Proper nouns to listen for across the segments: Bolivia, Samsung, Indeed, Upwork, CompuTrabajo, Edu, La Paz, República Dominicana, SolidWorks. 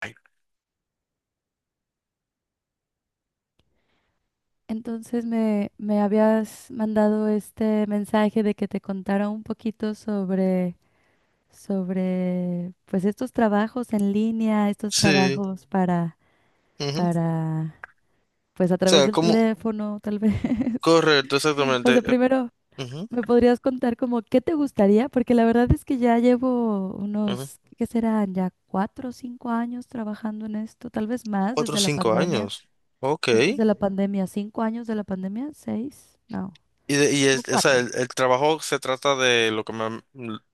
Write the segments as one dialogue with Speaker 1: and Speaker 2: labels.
Speaker 1: Ay.
Speaker 2: Entonces me habías mandado este mensaje de que te contara un poquito sobre pues estos trabajos en línea, estos
Speaker 1: Sí.
Speaker 2: trabajos para,
Speaker 1: Ujú. O
Speaker 2: para, pues a través
Speaker 1: sea,
Speaker 2: del
Speaker 1: ¿cómo?
Speaker 2: teléfono, tal vez.
Speaker 1: Correcto,
Speaker 2: O
Speaker 1: exactamente.
Speaker 2: sea, primero,
Speaker 1: Ujú,
Speaker 2: ¿me podrías contar como qué te gustaría? Porque la verdad es que ya llevo
Speaker 1: ujú.
Speaker 2: unos, ¿qué serán? Ya 4 o 5 años trabajando en esto, tal vez más
Speaker 1: Cuatro o
Speaker 2: desde la
Speaker 1: cinco
Speaker 2: pandemia.
Speaker 1: años. Ok.
Speaker 2: ¿Cuántos
Speaker 1: Y
Speaker 2: de la pandemia? ¿5 años de la pandemia? ¿Seis? No, como
Speaker 1: o sea,
Speaker 2: cuatro.
Speaker 1: el trabajo se trata de lo que me...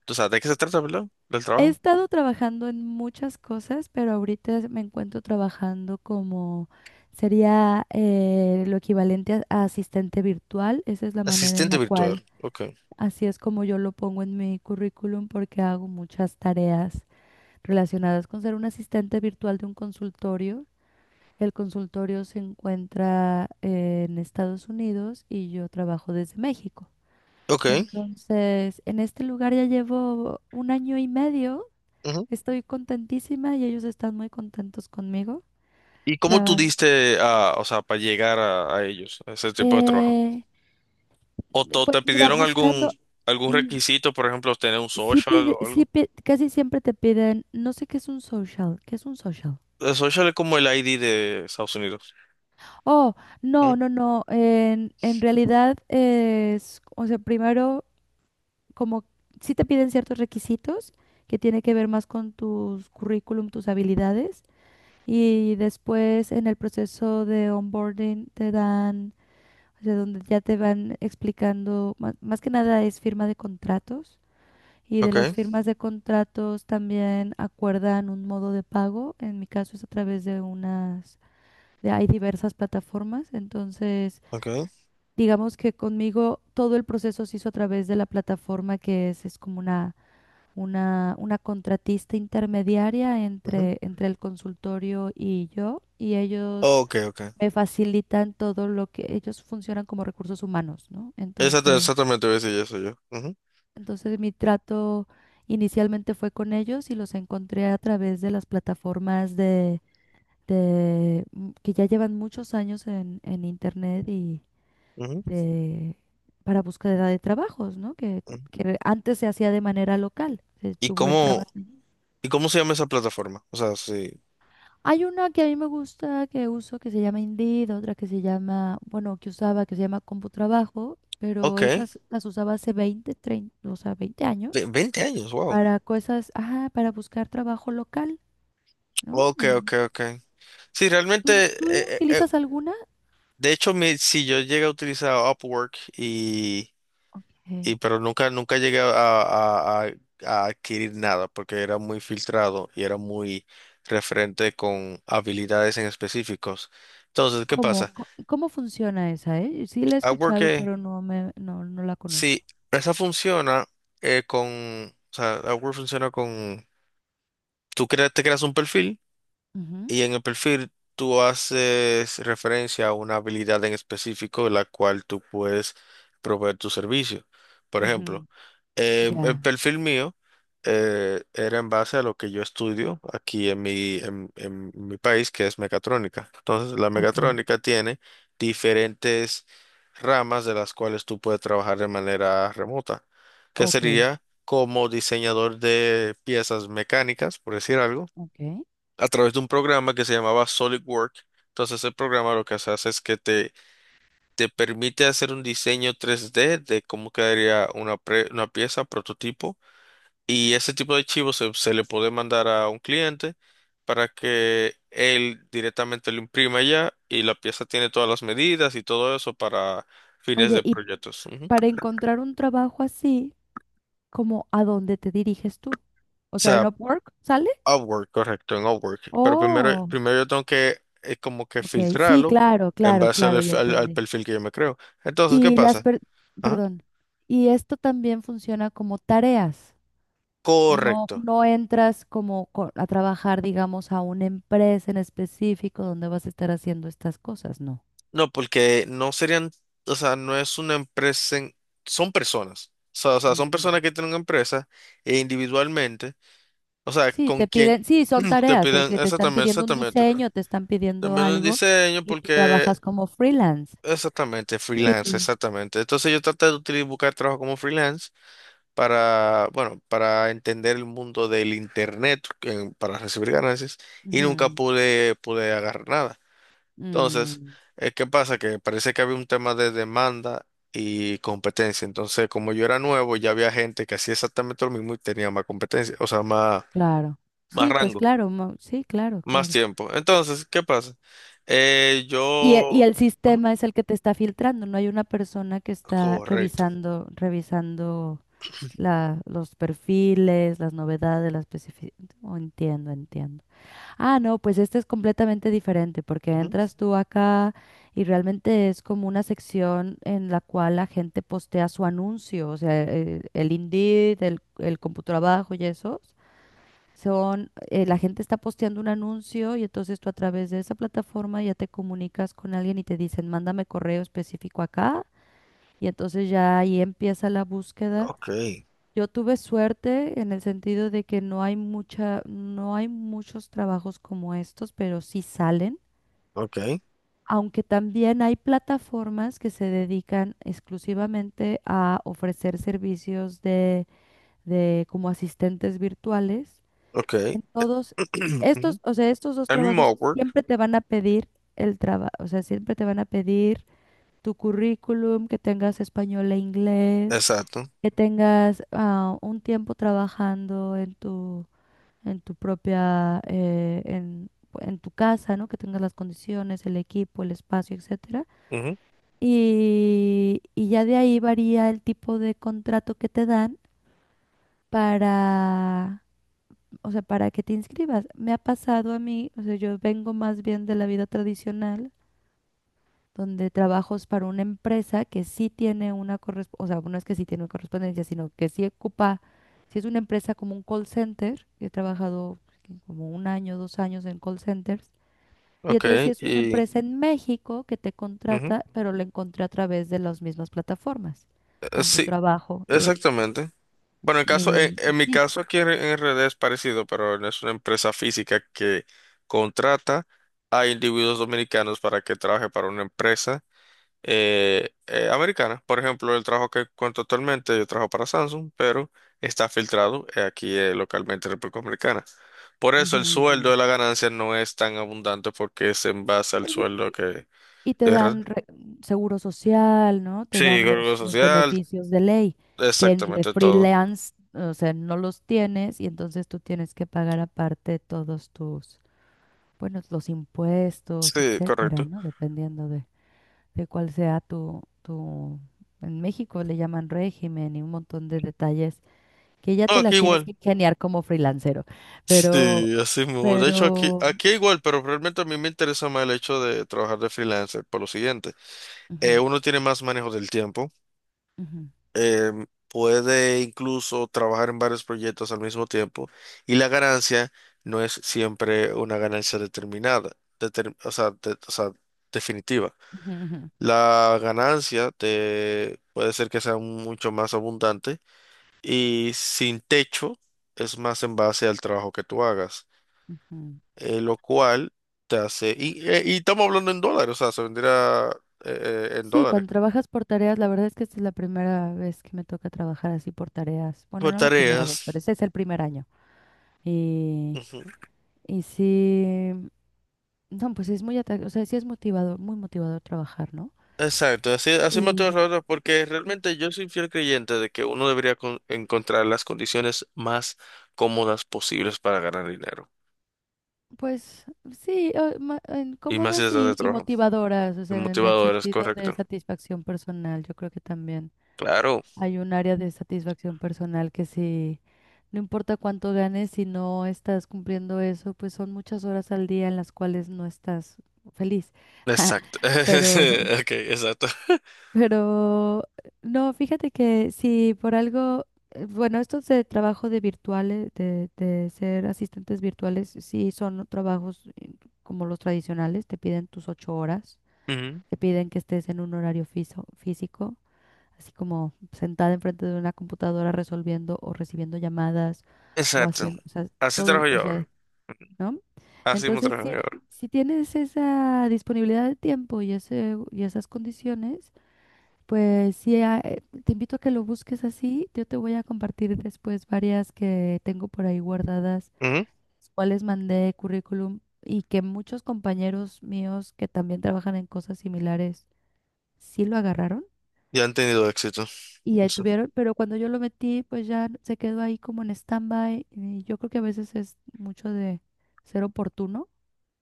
Speaker 1: O sea, ¿de qué se trata, verdad? Del
Speaker 2: He
Speaker 1: trabajo.
Speaker 2: estado trabajando en muchas cosas, pero ahorita me encuentro trabajando como sería lo equivalente a asistente virtual. Esa es la manera en
Speaker 1: Asistente
Speaker 2: la
Speaker 1: virtual.
Speaker 2: cual,
Speaker 1: Ok.
Speaker 2: así es como yo lo pongo en mi currículum porque hago muchas tareas relacionadas con ser un asistente virtual de un consultorio. El consultorio se encuentra en Estados Unidos y yo trabajo desde México.
Speaker 1: Ok.
Speaker 2: Entonces, en este lugar ya llevo un año y medio.
Speaker 1: Ujú.
Speaker 2: Estoy contentísima y ellos están muy contentos conmigo.
Speaker 1: ¿Y cómo tú
Speaker 2: Tra-
Speaker 1: diste a, o sea, para llegar a ellos, a ese tipo de trabajo?
Speaker 2: eh, pues
Speaker 1: ¿Te
Speaker 2: mira,
Speaker 1: pidieron algún,
Speaker 2: buscando,
Speaker 1: algún
Speaker 2: mm,
Speaker 1: requisito, por ejemplo, tener un social o algo?
Speaker 2: casi siempre te piden, no sé qué es un social. ¿Qué es un social?
Speaker 1: El social es como el ID de Estados Unidos.
Speaker 2: Oh,
Speaker 1: ¿Mm?
Speaker 2: no, no, no, en realidad es, o sea, primero, como sí te piden ciertos requisitos que tiene que ver más con tus currículum, tus habilidades, y después en el proceso de onboarding te dan, o sea, donde ya te van explicando, más, que nada es firma de contratos, y de las
Speaker 1: Ok.
Speaker 2: firmas de contratos también acuerdan un modo de pago. En mi caso es a través de unas, de, hay diversas plataformas. Entonces
Speaker 1: Ok.
Speaker 2: digamos que conmigo todo el proceso se hizo a través de la plataforma, que es como una, contratista intermediaria entre el consultorio y yo, y ellos
Speaker 1: Ok, ok.
Speaker 2: me facilitan todo. Lo que ellos funcionan como recursos humanos, ¿no? Entonces,
Speaker 1: Exactamente voy a decir eso yo. Ujú,
Speaker 2: entonces mi trato inicialmente fue con ellos, y los encontré a través de las plataformas de que ya llevan muchos años en internet, y
Speaker 1: ujú,
Speaker 2: de para búsqueda de trabajos, ¿no? Que,
Speaker 1: ujú.
Speaker 2: que antes se hacía de manera local.
Speaker 1: ¿Y
Speaker 2: Tú
Speaker 1: cómo,
Speaker 2: entrabas.
Speaker 1: y cómo se llama esa plataforma? O sea, sí.
Speaker 2: Hay una que a mí me gusta, que uso, que se llama Indeed; otra que se llama, bueno, que usaba, que se llama CompuTrabajo, pero
Speaker 1: Ok.
Speaker 2: esas las usaba hace 20 treinta, o sea, veinte años
Speaker 1: 20 años, wow.
Speaker 2: para cosas, ajá, para buscar trabajo local, ¿no?
Speaker 1: Ok, ok,
Speaker 2: En-
Speaker 1: ok. Sí,
Speaker 2: ¿tú,
Speaker 1: realmente,
Speaker 2: tú utilizas alguna?
Speaker 1: de hecho, mi, si yo llegué a utilizar Upwork y,
Speaker 2: Ok.
Speaker 1: y pero nunca llegué a, a adquirir nada porque era muy filtrado y era muy referente con habilidades en específicos. Entonces, ¿qué
Speaker 2: ¿Cómo,
Speaker 1: pasa?
Speaker 2: cómo funciona esa, Sí la he
Speaker 1: Upwork.
Speaker 2: escuchado, pero no me, no, no la conozco.
Speaker 1: Sí, esa funciona con, o sea, Upwork funciona con, te creas un perfil.
Speaker 2: Ujú,
Speaker 1: Y en el perfil tú haces referencia a una habilidad en específico la cual tú puedes proveer tu servicio. Por
Speaker 2: ujú,
Speaker 1: ejemplo, el
Speaker 2: ya,
Speaker 1: perfil mío era en base a lo que yo estudio aquí en mi, en mi país, que es mecatrónica. Entonces, la
Speaker 2: ok,
Speaker 1: mecatrónica tiene diferentes ramas de las cuales tú puedes trabajar de manera remota, que
Speaker 2: ok,
Speaker 1: sería como diseñador de piezas mecánicas, por decir algo,
Speaker 2: ok.
Speaker 1: a través de un programa que se llamaba SolidWorks. Entonces, el programa lo que se hace es que te permite hacer un diseño 3D de cómo quedaría una, una pieza, prototipo, y ese tipo de archivos se le puede mandar a un cliente para que él directamente lo imprima ya, y la pieza tiene todas las medidas y todo eso para fines
Speaker 2: Oye,
Speaker 1: de
Speaker 2: y
Speaker 1: proyectos. Ujú.
Speaker 2: para
Speaker 1: O
Speaker 2: encontrar un trabajo así, ¿como a dónde te diriges tú? O sea,
Speaker 1: sea,
Speaker 2: en Upwork sale.
Speaker 1: Upwork, correcto, en Upwork. Pero primero,
Speaker 2: Oh,
Speaker 1: primero yo tengo que como que
Speaker 2: ok. Sí,
Speaker 1: filtrarlo
Speaker 2: claro,
Speaker 1: en
Speaker 2: claro,
Speaker 1: base al,
Speaker 2: claro, ya
Speaker 1: al
Speaker 2: entendí.
Speaker 1: perfil que yo me creo. Entonces, ¿qué
Speaker 2: Y las,
Speaker 1: pasa? Ajá.
Speaker 2: perdón, y esto también funciona como tareas. No,
Speaker 1: Correcto.
Speaker 2: no entras como a trabajar, digamos, a una empresa en específico donde vas a estar haciendo estas cosas, no.
Speaker 1: No, porque no serían, o sea, no es una empresa, son personas. O sea, son
Speaker 2: Ujú.
Speaker 1: personas que tienen una empresa e individualmente, o sea,
Speaker 2: Sí,
Speaker 1: con
Speaker 2: te piden,
Speaker 1: quien
Speaker 2: sí, son
Speaker 1: te
Speaker 2: tareas, es
Speaker 1: piden.
Speaker 2: que te están
Speaker 1: Exactamente,
Speaker 2: pidiendo un
Speaker 1: exactamente.
Speaker 2: diseño, te están pidiendo
Speaker 1: También un
Speaker 2: algo,
Speaker 1: diseño
Speaker 2: y tú
Speaker 1: porque,
Speaker 2: trabajas como freelance.
Speaker 1: exactamente,
Speaker 2: Sí.
Speaker 1: freelance, exactamente. Entonces yo traté de utilizar, buscar trabajo como freelance, para, bueno, para entender el mundo del internet, para recibir ganancias, y nunca
Speaker 2: Ujú.
Speaker 1: pude agarrar nada. Entonces,
Speaker 2: Mm.
Speaker 1: ¿qué pasa? Que parece que había un tema de demanda y competencia. Entonces, como yo era nuevo, ya había gente que hacía exactamente lo mismo y tenía más competencia, o sea, más,
Speaker 2: Claro.
Speaker 1: más
Speaker 2: Sí, pues
Speaker 1: rango,
Speaker 2: claro, sí, claro,
Speaker 1: más
Speaker 2: claro.
Speaker 1: tiempo. Entonces, ¿qué pasa?
Speaker 2: Y el, y
Speaker 1: Yo...
Speaker 2: el
Speaker 1: Ajá.
Speaker 2: sistema es el que te está filtrando, no hay una persona que está
Speaker 1: Correcto.
Speaker 2: revisando, revisando la, los perfiles, las novedades, las especificaciones. Entiendo, entiendo. Ah, no, pues este es completamente diferente, porque
Speaker 1: Ujú.
Speaker 2: entras tú acá y realmente es como una sección en la cual la gente postea su anuncio, o sea, el Indeed, el CompuTrabajo y eso. Son, la gente está posteando un anuncio, y entonces tú a través de esa plataforma ya te comunicas con alguien y te dicen, mándame correo específico acá. Y entonces ya ahí empieza la búsqueda.
Speaker 1: Ok,
Speaker 2: Yo tuve suerte en el sentido de que no hay mucha, no hay muchos trabajos como estos, pero sí salen.
Speaker 1: ok,
Speaker 2: Aunque también hay plataformas que se dedican exclusivamente a ofrecer servicios de, como asistentes virtuales.
Speaker 1: ok.
Speaker 2: En todos
Speaker 1: Ujú.
Speaker 2: estos, o sea, estos dos
Speaker 1: El mismo
Speaker 2: trabajos
Speaker 1: Upwork,
Speaker 2: siempre te van a pedir el trabajo, o sea, siempre te van a pedir tu currículum, que tengas español e inglés,
Speaker 1: exacto.
Speaker 2: que tengas un tiempo trabajando en tu propia, en tu casa, ¿no? Que tengas las condiciones, el equipo, el espacio, etcétera. Y ya de ahí varía el tipo de contrato que te dan para, o sea, para que te inscribas. Me ha pasado a mí, o sea, yo vengo más bien de la vida tradicional, donde trabajos para una empresa que sí tiene una correspondencia, o sea, no es que sí tiene una correspondencia, sino que sí ocupa, si es una empresa como un call center, he trabajado como un año, 2 años en call centers, y
Speaker 1: Ok,
Speaker 2: entonces si es una
Speaker 1: y
Speaker 2: empresa en México que te
Speaker 1: ujú,
Speaker 2: contrata, pero la encontré a través de las mismas plataformas,
Speaker 1: sí,
Speaker 2: CompuTrabajo y,
Speaker 1: exactamente. Bueno, el caso,
Speaker 2: y
Speaker 1: en mi
Speaker 2: Indeed.
Speaker 1: caso aquí en R D es parecido, pero no es una empresa física que contrata a individuos dominicanos para que trabaje para una empresa americana. Por ejemplo, el trabajo que cuento actualmente, yo trabajo para Samsung, pero está filtrado aquí localmente en República Dominicana. Por eso el sueldo
Speaker 2: Ujú,
Speaker 1: de la ganancia no es tan abundante porque es en base al
Speaker 2: ujú.
Speaker 1: sueldo que
Speaker 2: Y te
Speaker 1: de re-
Speaker 2: dan seguro social, ¿no? Te
Speaker 1: sí,
Speaker 2: dan
Speaker 1: Seguro
Speaker 2: los
Speaker 1: Social,
Speaker 2: beneficios de ley, que en de
Speaker 1: exactamente todo.
Speaker 2: freelance, o sea, no los tienes, y entonces tú tienes que pagar aparte todos tus, bueno, los impuestos,
Speaker 1: Sí,
Speaker 2: etcétera,
Speaker 1: correcto.
Speaker 2: ¿no? Dependiendo de, cuál sea tu, tu, en México le llaman régimen, y un montón de detalles que ya
Speaker 1: No,
Speaker 2: te
Speaker 1: aquí
Speaker 2: las tienes
Speaker 1: igual.
Speaker 2: que ingeniar como freelancero. Pero,
Speaker 1: Sí, así mismo. De hecho, aquí,
Speaker 2: pero,
Speaker 1: aquí igual, pero realmente a mí me interesa más el hecho de trabajar de freelancer por lo siguiente.
Speaker 2: ujú,
Speaker 1: Uno tiene más manejo del tiempo,
Speaker 2: ujú,
Speaker 1: eh, puede incluso trabajar en varios proyectos al mismo tiempo, y la ganancia no es siempre una ganancia determinada, o sea, o sea, definitiva.
Speaker 2: ujú,
Speaker 1: La ganancia puede ser que sea mucho más abundante y sin techo, es más en base al trabajo que tú hagas,
Speaker 2: ujú, ujú.
Speaker 1: lo cual te hace, y estamos hablando en dólares, o sea, se venderá en
Speaker 2: Sí,
Speaker 1: dólares.
Speaker 2: cuando trabajas por tareas, la verdad es que esta es la primera vez que me toca trabajar así por tareas. Bueno,
Speaker 1: Por
Speaker 2: no la primera vez, pero
Speaker 1: tareas.
Speaker 2: ese es el primer año. Y,
Speaker 1: Ujú.
Speaker 2: y sí, no, pues es muy, o sea, sí es motivador, muy motivador trabajar, ¿no?
Speaker 1: Exacto, así, así me estoy
Speaker 2: Y
Speaker 1: ahorrando porque realmente yo soy fiel creyente de que uno debería encontrar las condiciones más cómodas posibles para ganar dinero.
Speaker 2: pues sí, en
Speaker 1: Y más si
Speaker 2: cómodas
Speaker 1: estás de
Speaker 2: y
Speaker 1: trabajo.
Speaker 2: motivadoras, o
Speaker 1: Y
Speaker 2: sea, en el
Speaker 1: motivador, es
Speaker 2: sentido de
Speaker 1: correcto.
Speaker 2: satisfacción personal, yo creo que también.
Speaker 1: Claro,
Speaker 2: Hay un área de satisfacción personal que si no importa cuánto ganes, si no estás cumpliendo eso, pues son muchas horas al día en las cuales no estás feliz.
Speaker 1: exacto.
Speaker 2: Pero,
Speaker 1: Ok, exacto.
Speaker 2: pero, no, fíjate que si por algo, bueno, estos de trabajo de virtuales, de ser asistentes virtuales, sí son trabajos como los tradicionales, te piden tus 8 horas,
Speaker 1: Ujú.
Speaker 2: te piden que estés en un horario físico, así como sentada enfrente de una computadora resolviendo o recibiendo llamadas o
Speaker 1: Exacto.
Speaker 2: haciendo, o sea,
Speaker 1: Así
Speaker 2: todo,
Speaker 1: trabajo
Speaker 2: o
Speaker 1: yo
Speaker 2: sea,
Speaker 1: ahora.
Speaker 2: ¿no?
Speaker 1: Así mismo
Speaker 2: Entonces, si,
Speaker 1: trabajan ahora.
Speaker 2: si tienes esa disponibilidad de tiempo y, ese, y esas condiciones, pues sí, te invito a que lo busques así. Yo te voy a compartir después varias que tengo por ahí guardadas,
Speaker 1: Ujú.
Speaker 2: las cuales mandé currículum, y que muchos compañeros míos que también trabajan en cosas similares sí lo agarraron.
Speaker 1: Ya han tenido éxito.
Speaker 2: Y ahí
Speaker 1: Eso.
Speaker 2: tuvieron, pero cuando yo lo metí, pues ya se quedó ahí como en stand-by. Y yo creo que a veces es mucho de ser oportuno,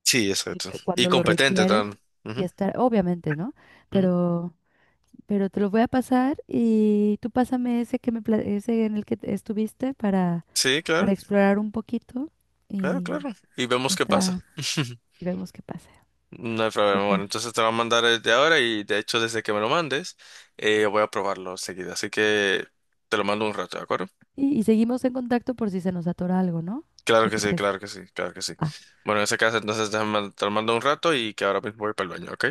Speaker 1: Sí,
Speaker 2: y
Speaker 1: exacto.
Speaker 2: que
Speaker 1: Y
Speaker 2: cuando lo
Speaker 1: competente
Speaker 2: requieren
Speaker 1: también.
Speaker 2: y
Speaker 1: Ujú,
Speaker 2: estar, obviamente, ¿no?
Speaker 1: ujú.
Speaker 2: Pero, pero te lo voy a pasar, y tú pásame ese que me, ese en el que estuviste
Speaker 1: Sí, claro,
Speaker 2: para explorar un poquito,
Speaker 1: claro,
Speaker 2: y
Speaker 1: claro. Y vemos
Speaker 2: ya
Speaker 1: qué pasa.
Speaker 2: está, y vemos qué pasa.
Speaker 1: No hay problema. Bueno,
Speaker 2: Súper.
Speaker 1: entonces te va a mandar desde ahora, y de hecho desde que me lo mandes, voy a probarlo seguida. Así que te lo mando un rato, ¿de acuerdo?
Speaker 2: Y seguimos en contacto por si se nos atora algo, ¿no?
Speaker 1: Claro
Speaker 2: ¿Qué
Speaker 1: que
Speaker 2: te
Speaker 1: sí,
Speaker 2: parece?
Speaker 1: claro que sí, claro que sí.
Speaker 2: Ah,
Speaker 1: Bueno, en ese caso entonces te lo mando un rato y que ahora mismo voy para el baño, ¿ok?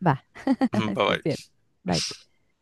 Speaker 2: va,
Speaker 1: Bye
Speaker 2: estés bien.
Speaker 1: bye.
Speaker 2: Bye.